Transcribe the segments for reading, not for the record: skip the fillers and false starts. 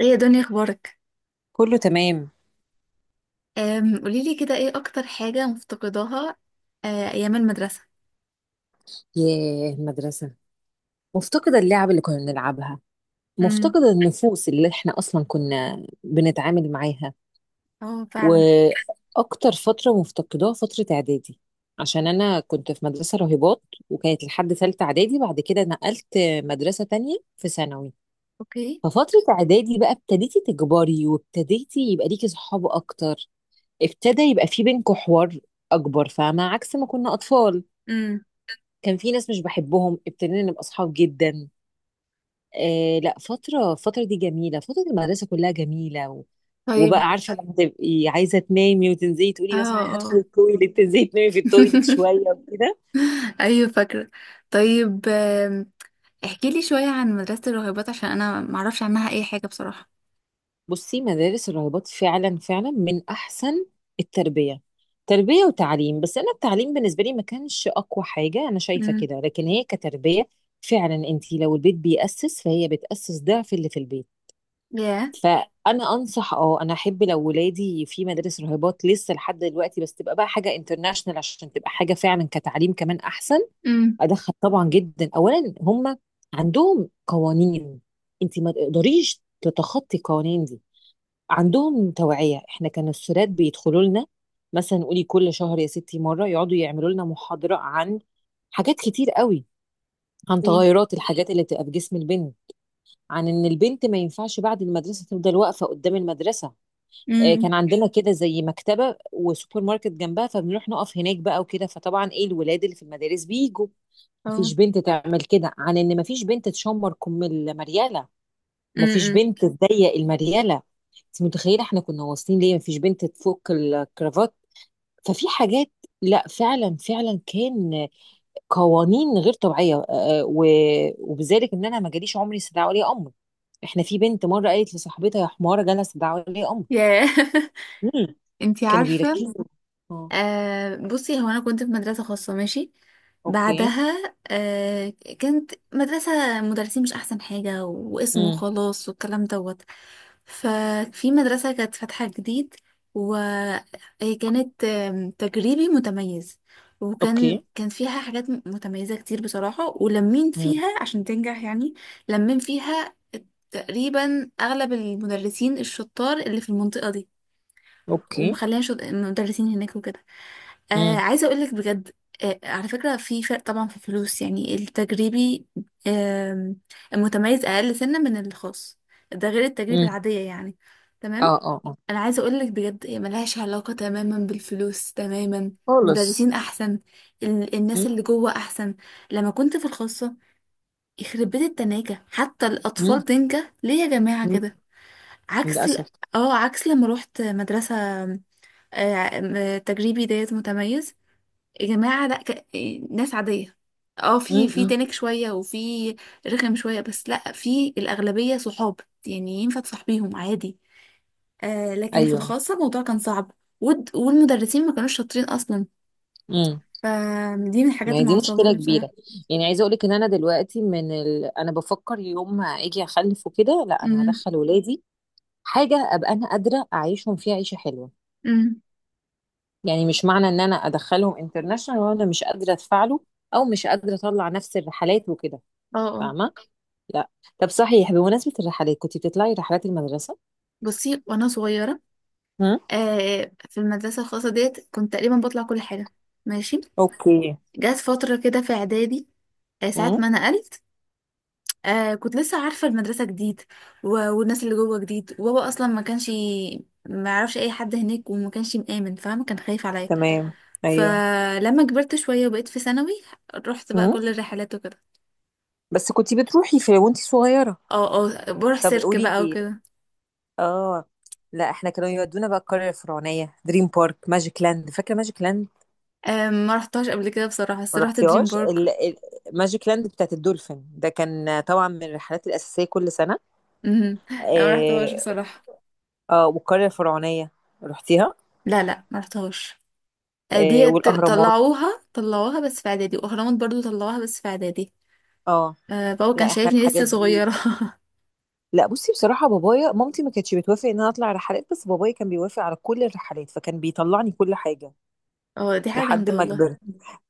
ايه يا دنيا اخبارك؟ كله تمام. قوليلي كده، ايه اكتر حاجة مفتقداها؟ آه، ايام المدرسة. ياه المدرسة، مفتقدة اللعب اللي كنا بنلعبها، امم. مفتقدة النفوس اللي احنا أصلا كنا بنتعامل معاها. اه، فعلا. وأكتر فترة مفتقداها فترة إعدادي، عشان أنا كنت في مدرسة راهبات، وكانت لحد تالتة إعدادي بعد كده نقلت مدرسة تانية في ثانوي. اوكي. ففترة إعدادي بقى ابتديتي تكبري وابتديتي يبقى ليكي صحاب أكتر، ابتدى يبقى في بينكوا حوار أكبر، فاهمة؟ عكس ما كنا أطفال، امم. كان في ناس مش بحبهم ابتدينا نبقى أصحاب جدا. لا فترة، الفترة دي جميلة، فترة المدرسة كلها جميلة طيب. وبقى عارفة لما تبقي عايزة تنامي وتنزلي اه. تقولي مثلا هدخل اه. التويليت، تنزلي تنامي في التويليت شوية وكده. ايوه، فاكرة. طيب، احكيلي شوية عن مدرسة الراهبات، عشان انا معرفش عنها اي حاجة بصراحة. بصي، مدارس الراهبات فعلا فعلا من أحسن التربية، تربية وتعليم، بس أنا التعليم بالنسبة لي ما كانش أقوى حاجة، أنا شايفة امم. كده، لكن هي كتربية فعلا. أنت لو البيت بيأسس فهي بتأسس ضعف اللي في البيت. ياه. فانا انصح، اه انا احب لو ولادي في مدارس راهبات لسه لحد دلوقتي، بس تبقى بقى حاجه انترناشونال عشان تبقى حاجه فعلا كتعليم كمان احسن. امم. ادخل طبعا جدا. اولا، هم عندهم قوانين، انت ما تقدريش تتخطي القوانين دي. عندهم توعيه، احنا كان السادات بيدخلوا لنا، مثلا قولي كل شهر يا ستي مره، يقعدوا يعملوا لنا محاضره عن حاجات كتير قوي، عن ايه. تغيرات الحاجات اللي بتبقى في جسم البنت، عن ان البنت ما ينفعش بعد المدرسه تفضل واقفه قدام المدرسه. امم. كان عندنا كده زي مكتبة وسوبر ماركت جنبها، فبنروح نقف هناك بقى وكده، فطبعا ايه، الولاد اللي في المدارس بيجوا، اه. مفيش بنت تعمل كده. عن ان مفيش بنت تشمر كم المريالة، مفيش امم. بنت تضيق المريالة، انت متخيلة احنا كنا واصلين ليه، مفيش بنت تفك الكرافات. ففي حاجات، لا فعلا فعلا كان قوانين غير طبيعية. آه، آه، و- وبذلك ان انا ما جاليش عمري استدعاء ولي امر. احنا في بنت مرة قالت لصاحبتها يا حمارة جالها استدعاء ولي ياه. امر، انتي كانوا عارفة؟ بيركزوا. اه. آه، بصي، هو انا كنت في مدرسه خاصه، ماشي. اوكي. بعدها كانت مدرسه مدرسين مش احسن حاجه، واسمه امم. خلاص والكلام دوت. ففي مدرسه كانت فاتحه جديد، وكانت تجريبي متميز. وكان اوكي. كان فيها حاجات متميزه كتير بصراحه، ولمين امم. فيها عشان تنجح يعني. لمين فيها؟ تقريبا اغلب المدرسين الشطار اللي في المنطقه دي. اوكي. ومخليها مدرسين هناك وكده. آه، امم. عايزة أقولك بجد، آه، على فكرة في فرق طبعا في الفلوس، يعني التجريبي، آه، المتميز أقل سنة من الخاص، ده غير التجربة امم. العادية يعني. تمام. اه اه اه. أنا عايزة أقولك بجد، هي ملهاش علاقة تماما بالفلوس، تماما. خالص. مدرسين أحسن. الناس اللي امم. جوه أحسن. لما كنت في الخاصة، يخرب بيت التناجة، حتى امم. الأطفال تنجح ليه يا جماعة أمم. كده؟ عكس للاسف. ال- اه عكس لما روحت مدرسة، آه، تجريبي ديت متميز. يا جماعة، لا. ناس عادية. اه امم. في أمم. تنك شوية، وفي رخم شوية، بس لا، في الأغلبية صحاب. يعني ينفع تصاحبيهم عادي. آه، لكن في ايوه. الخاصة الموضوع كان صعب. والمدرسين ما كانوش شاطرين أصلا. امم. فدي من ما الحاجات هي اللي دي مشكله معصباني بصراحة. كبيره. يعني عايزه اقول لك ان انا دلوقتي انا بفكر يوم ما اجي اخلف وكده، لا انا امم. هدخل ولادي حاجه ابقى انا قادره اعيشهم فيها عيشه حلوه. امم. يعني مش معنى ان انا ادخلهم انترناشونال وانا مش قادره ادفع له، او مش قادره اطلع نفس الرحلات وكده، اه. اه. فاهمه؟ لا. طب صحيح، بمناسبة الرحلات، كنت بتطلعي رحلات المدرسة؟ بصي، وأنا صغيرة، هم؟ آه، في المدرسة الخاصة ديت كنت تقريبا بطلع كل حاجة، ماشي. اوكي. جات فترة كده في إعدادي، ساعات هم؟ ما نقلت، كنت لسه عارفة المدرسة جديد، والناس اللي جوه جديد، وبابا أصلا ما كانش ما يعرفش أي حد هناك، وما كانش مآمن، فاهمة؟ كان خايف عليا. تمام. ايوه. فلما كبرت شوية وبقيت في ثانوي، رحت بقى هم؟ كل الرحلات وكده. بس كنتي بتروحي في وانتي صغيره. اه. اه، بروح طب سيرك قولي بقى لي. وكده. اه. لا احنا كانوا يودونا بقى القريه الفرعونيه، دريم بارك، ماجيك لاند، فاكره ماجيك لاند؟ آه، ما رحتهاش قبل كده بصراحة، بس ما رحت دريم رحتيهاش بارك. ماجيك لاند بتاعت الدولفين ده كان طبعا من الرحلات الاساسيه كل سنه. مهم. لا، ما رحتهاش اه. بصراحة. آه والقريه الفرعونيه، رحتيها؟ لا، لا، ما رحتهاش. آه دي والاهرامات. طلعوها بس في إعدادي، وأهرامات برضو طلعوها بس في إعدادي. اه. آه، بابا كان لا احنا شايفني لسه الحاجات دي، صغيرة. لا بصي بصراحة بابايا، مامتي ما كانتش بتوافق ان انا اطلع رحلات، بس بابايا كان بيوافق على كل الرحلات فكان بيطلعني كل حاجة اه، دي حاجة لحد ما جامدة. كبرت.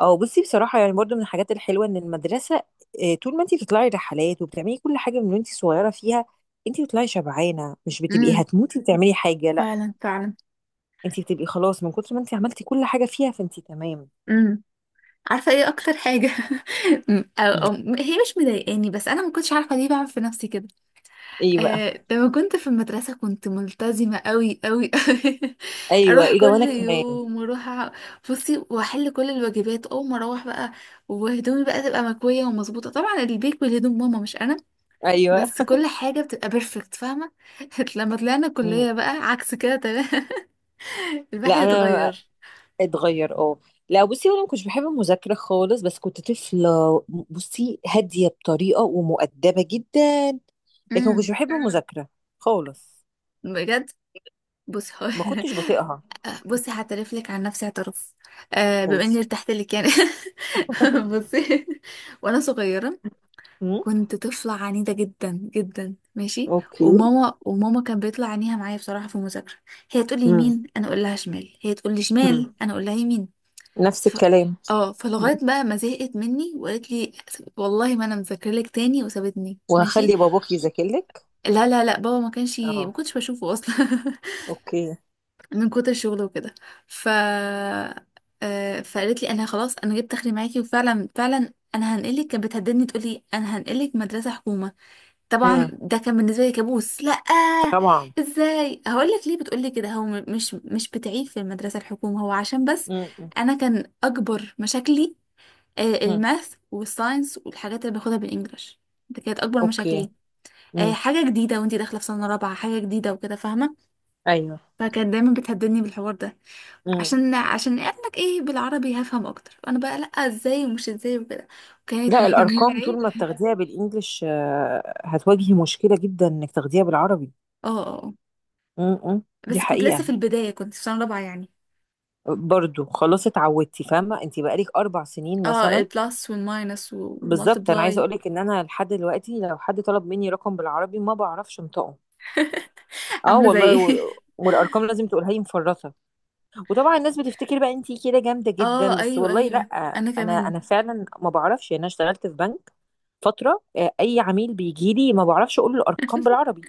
اه بصي بصراحة يعني برضو من الحاجات الحلوة ان المدرسة، طول ما انتي بتطلعي رحلات وبتعملي كل حاجة من وانتي صغيرة فيها، انتي بتطلعي شبعانة، مش بتبقي والله، هتموتي وتعملي حاجة، لا، فعلا فعلا. انتي بتبقي خلاص من كتر ما انتي عملتي كل حاجة فيها، فانتي تمام. امم. عارفه ايه اكتر حاجه؟ أم- أو مم. أو هي مش مضايقاني، بس انا ما كنتش عارفه ليه بعمل في نفسي كده. ايه بقى؟ آه، لما كنت في المدرسه كنت ملتزمه قوي قوي قوي. ايوه اروح ايه ده وانا كل كمان. يوم، واروح، أع- بصي، واحل كل الواجبات اول ما اروح بقى، وهدومي بقى تبقى مكويه ومظبوطه، طبعا البيك بالهدوم ماما مش انا، ايوه. بس كل حاجه بتبقى بيرفكت، فاهمه؟ لما طلعنا مم. كليه بقى عكس كده تمام. الواحد لا انا، اتغير. اتغير، اه. لا بصي انا ما كنتش بحب المذاكره خالص، بس كنت طفله، بصي هاديه بطريقه ومؤدبه جدا، لكن ما امم. كنتش بحب المذاكره خالص، بجد. بص، هو ما كنتش بطيقها. بصي، هعترف لك عن نفسي اعتراف، آه، بما اني ودي ارتحت لك يعني. بصي، وانا صغيره مم. كنت طفله عنيده جدا جدا، ماشي. اوكي. وماما كان بيطلع عينيها معايا بصراحه في المذاكره. هي تقول لي مم. يمين، انا اقول لها شمال. هي تقول لي شمال، مم. انا اقول لها يمين. نفس ف... الكلام. اه فلغايه بقى ما زهقت مني وقالت لي، والله ما انا مذاكره لك تاني، وسابتني، ماشي. وهخلي باباك يذاكر لك. لا، لا، لا، بابا ما كانش ما اه. كنتش بشوفه اصلا. اوكي. من كتر الشغل وكده. ف فقالت لي، انا خلاص انا جبت اخري معاكي، وفعلا فعلا انا هنقلك. كانت بتهددني، تقول لي انا هنقلك مدرسه حكومه. طبعا مم. ده كان بالنسبه لي كابوس. لا، طبعا. ازاي هقول لك ليه بتقول لي كده، هو مش بتعيب في المدرسه الحكومه، هو عشان بس مم. انا كان اكبر مشاكلي مم. الماث والساينس والحاجات اللي باخدها بالانجلش، ده كانت اكبر اوكي. مشاكلي. مم. حاجه جديده وانتي داخله في سنه رابعه، حاجه جديده وكده، فاهمه؟ ايوه. فكانت دايما بتهددني بالحوار ده. مم. عشان قال لك ايه بالعربي هفهم اكتر، انا بقى لا، ازاي ومش ازاي وكده. وكانت لا مجمعه الارقام ايه. طول ما بتاخديها بالانجلش هتواجهي مشكله جدا انك تاخديها بالعربي. اه. آه، آه. م- م. دي بس كنت لسه حقيقة. في البدايه، كنت في سنه رابعه يعني. برضو خلاص اتعودتي، فاهمة؟ انت بقالك اربع سنين اه، مثلا. البلس والماينس بالظبط، انا عايزة والمالتبلاي. اقولك ان انا لحد دلوقتي لو حد طلب مني رقم بالعربي ما بعرفش انطقه. اه عامله والله، زي والارقام لازم تقولها لي مفرطة. وطبعا الناس بتفتكر بقى انت كده جامدة جدا، اه، بس ايوه، والله لا. ايوه. انا انا كمان. انا فعلا ما بعرفش، يعني انا اشتغلت في بنك فترة، اي عميل بيجي لي ما بعرفش اقول له الارقام بالعربي،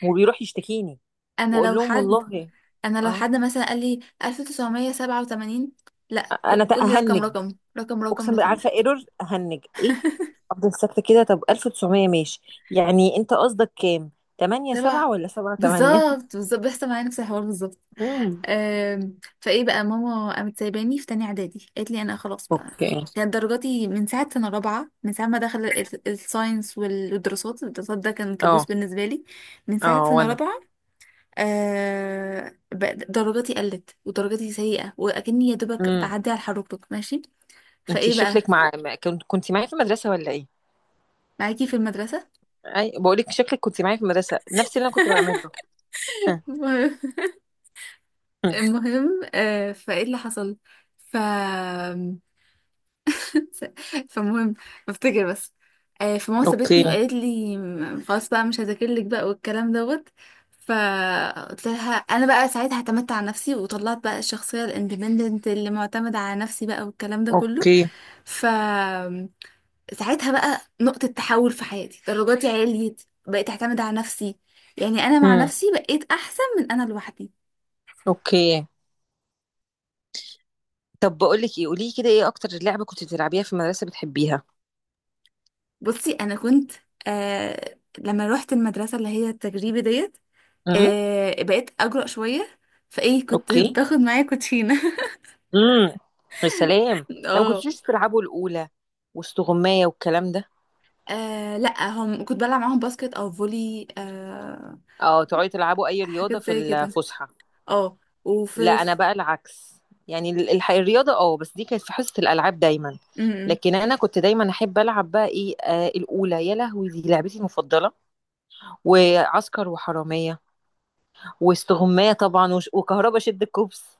وبيروح يشتكيني انا واقول لو لهم حد والله. انا لو اه. حد مثلا قال لي 1987، لا، انا قول لي رقم تأهنج، رقم، رقم رقم اقسم لو بالله، عارفه سمحت. ايرور هنج ايه؟ افضل ساكته كده. طب 1900 ماشي، يعني انت قصدك كام، 8 7 تبع. ولا 7 8؟ بالظبط بالظبط بيحصل معايا نفس الحوار بالظبط. امم. فايه بقى، ماما قامت سايباني في تانية اعدادي، قالت لي انا خلاص بقى. اوكي. كانت درجاتي من ساعة سنة رابعة، من ساعة ما دخل الساينس والدراسات، الدراسات ده كان كابوس اه بالنسبة لي من ساعة اه. سنة وانا. رابعة. بقى درجاتي قلت، ودرجاتي سيئة، وأكني يا دوبك امم. بعدي على الحركرك، ماشي. انت فايه بقى. شكلك، مع ما- كنت معايا في المدرسه ولا ايه؟ معاكي في المدرسة. اي بقول لك شكلك كنت معايا في المدرسه نفس اللي انا كنت بعمله. هم. المهم. هم. فايه اللي حصل، ف فالمهم، بفتكر بس، فماما اوكي. سابتني وقالت لي، خلاص بقى مش هذاكر لك بقى والكلام دوت. فقلت لها انا بقى ساعتها اعتمدت على نفسي، وطلعت بقى الشخصيه الاندبندنت اللي معتمده على نفسي بقى والكلام ده كله. اوكي. ف ساعتها بقى نقطة تحول في حياتي، درجاتي عليت، بقيت اعتمد على نفسي، يعني انا مع امم. نفسي بقيت احسن من انا لوحدي. اوكي. طب بقول لك ايه، قولي لي كده ايه اكتر لعبه كنت بتلعبيها في المدرسه بتحبيها؟ بصي انا كنت، لما روحت المدرسة اللي هي التجريبي ديت، امم. بقيت اجرأ شويه، فايه كنت اوكي. باخد معايا كوتشينه. امم. يا سلام. ده ما اه. كنتوش تلعبوا الاولى واستغمايه والكلام ده؟ آه، لا، هم كنت بلعب معاهم باسكت او فولي، آه، اه تقعدوا تلعبوا اي رياضه حاجات في زي كده. الفسحه. اه. لا وفي انا في- بقى العكس، يعني الرياضه اه بس دي كانت في حصه الالعاب دايما، م- م. لكن انا كنت دايما احب العب بقى ايه، آه الاولى يا لهوي، دي لعبتي المفضله، وعسكر وحراميه، واستغمايه طبعا، وش- وكهربا، شد الكوبس.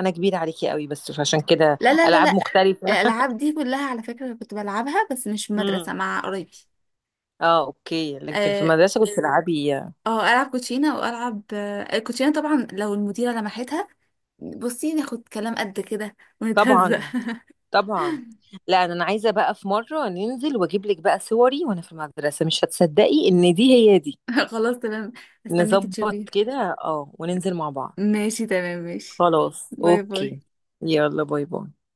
انا كبيره عليكي قوي بس عشان كده، لا، لا، لا، العاب لا، مختلفه. الالعاب دي كلها على فكره كنت بلعبها، بس مش في المدرسه امم. مع قرايبي. اه اوكي لكن في اه. المدرسه كنت تلعبي، آه، العب كوتشينه، والعب الكوتشينه طبعا لو المديره لمحتها، بصي ناخد كلام قد كده ونتهزق. طبعا. طبعا. لا انا، أنا عايزه بقى في مره ننزل واجيب لك بقى صوري وانا في المدرسه، مش هتصدقي ان دي هي دي. خلاص تمام. استناكي تشوفي. نظبط كده اه وننزل مع بعض. ماشي تمام ماشي. خلاص باي اوكي. باي. يلا باي باي.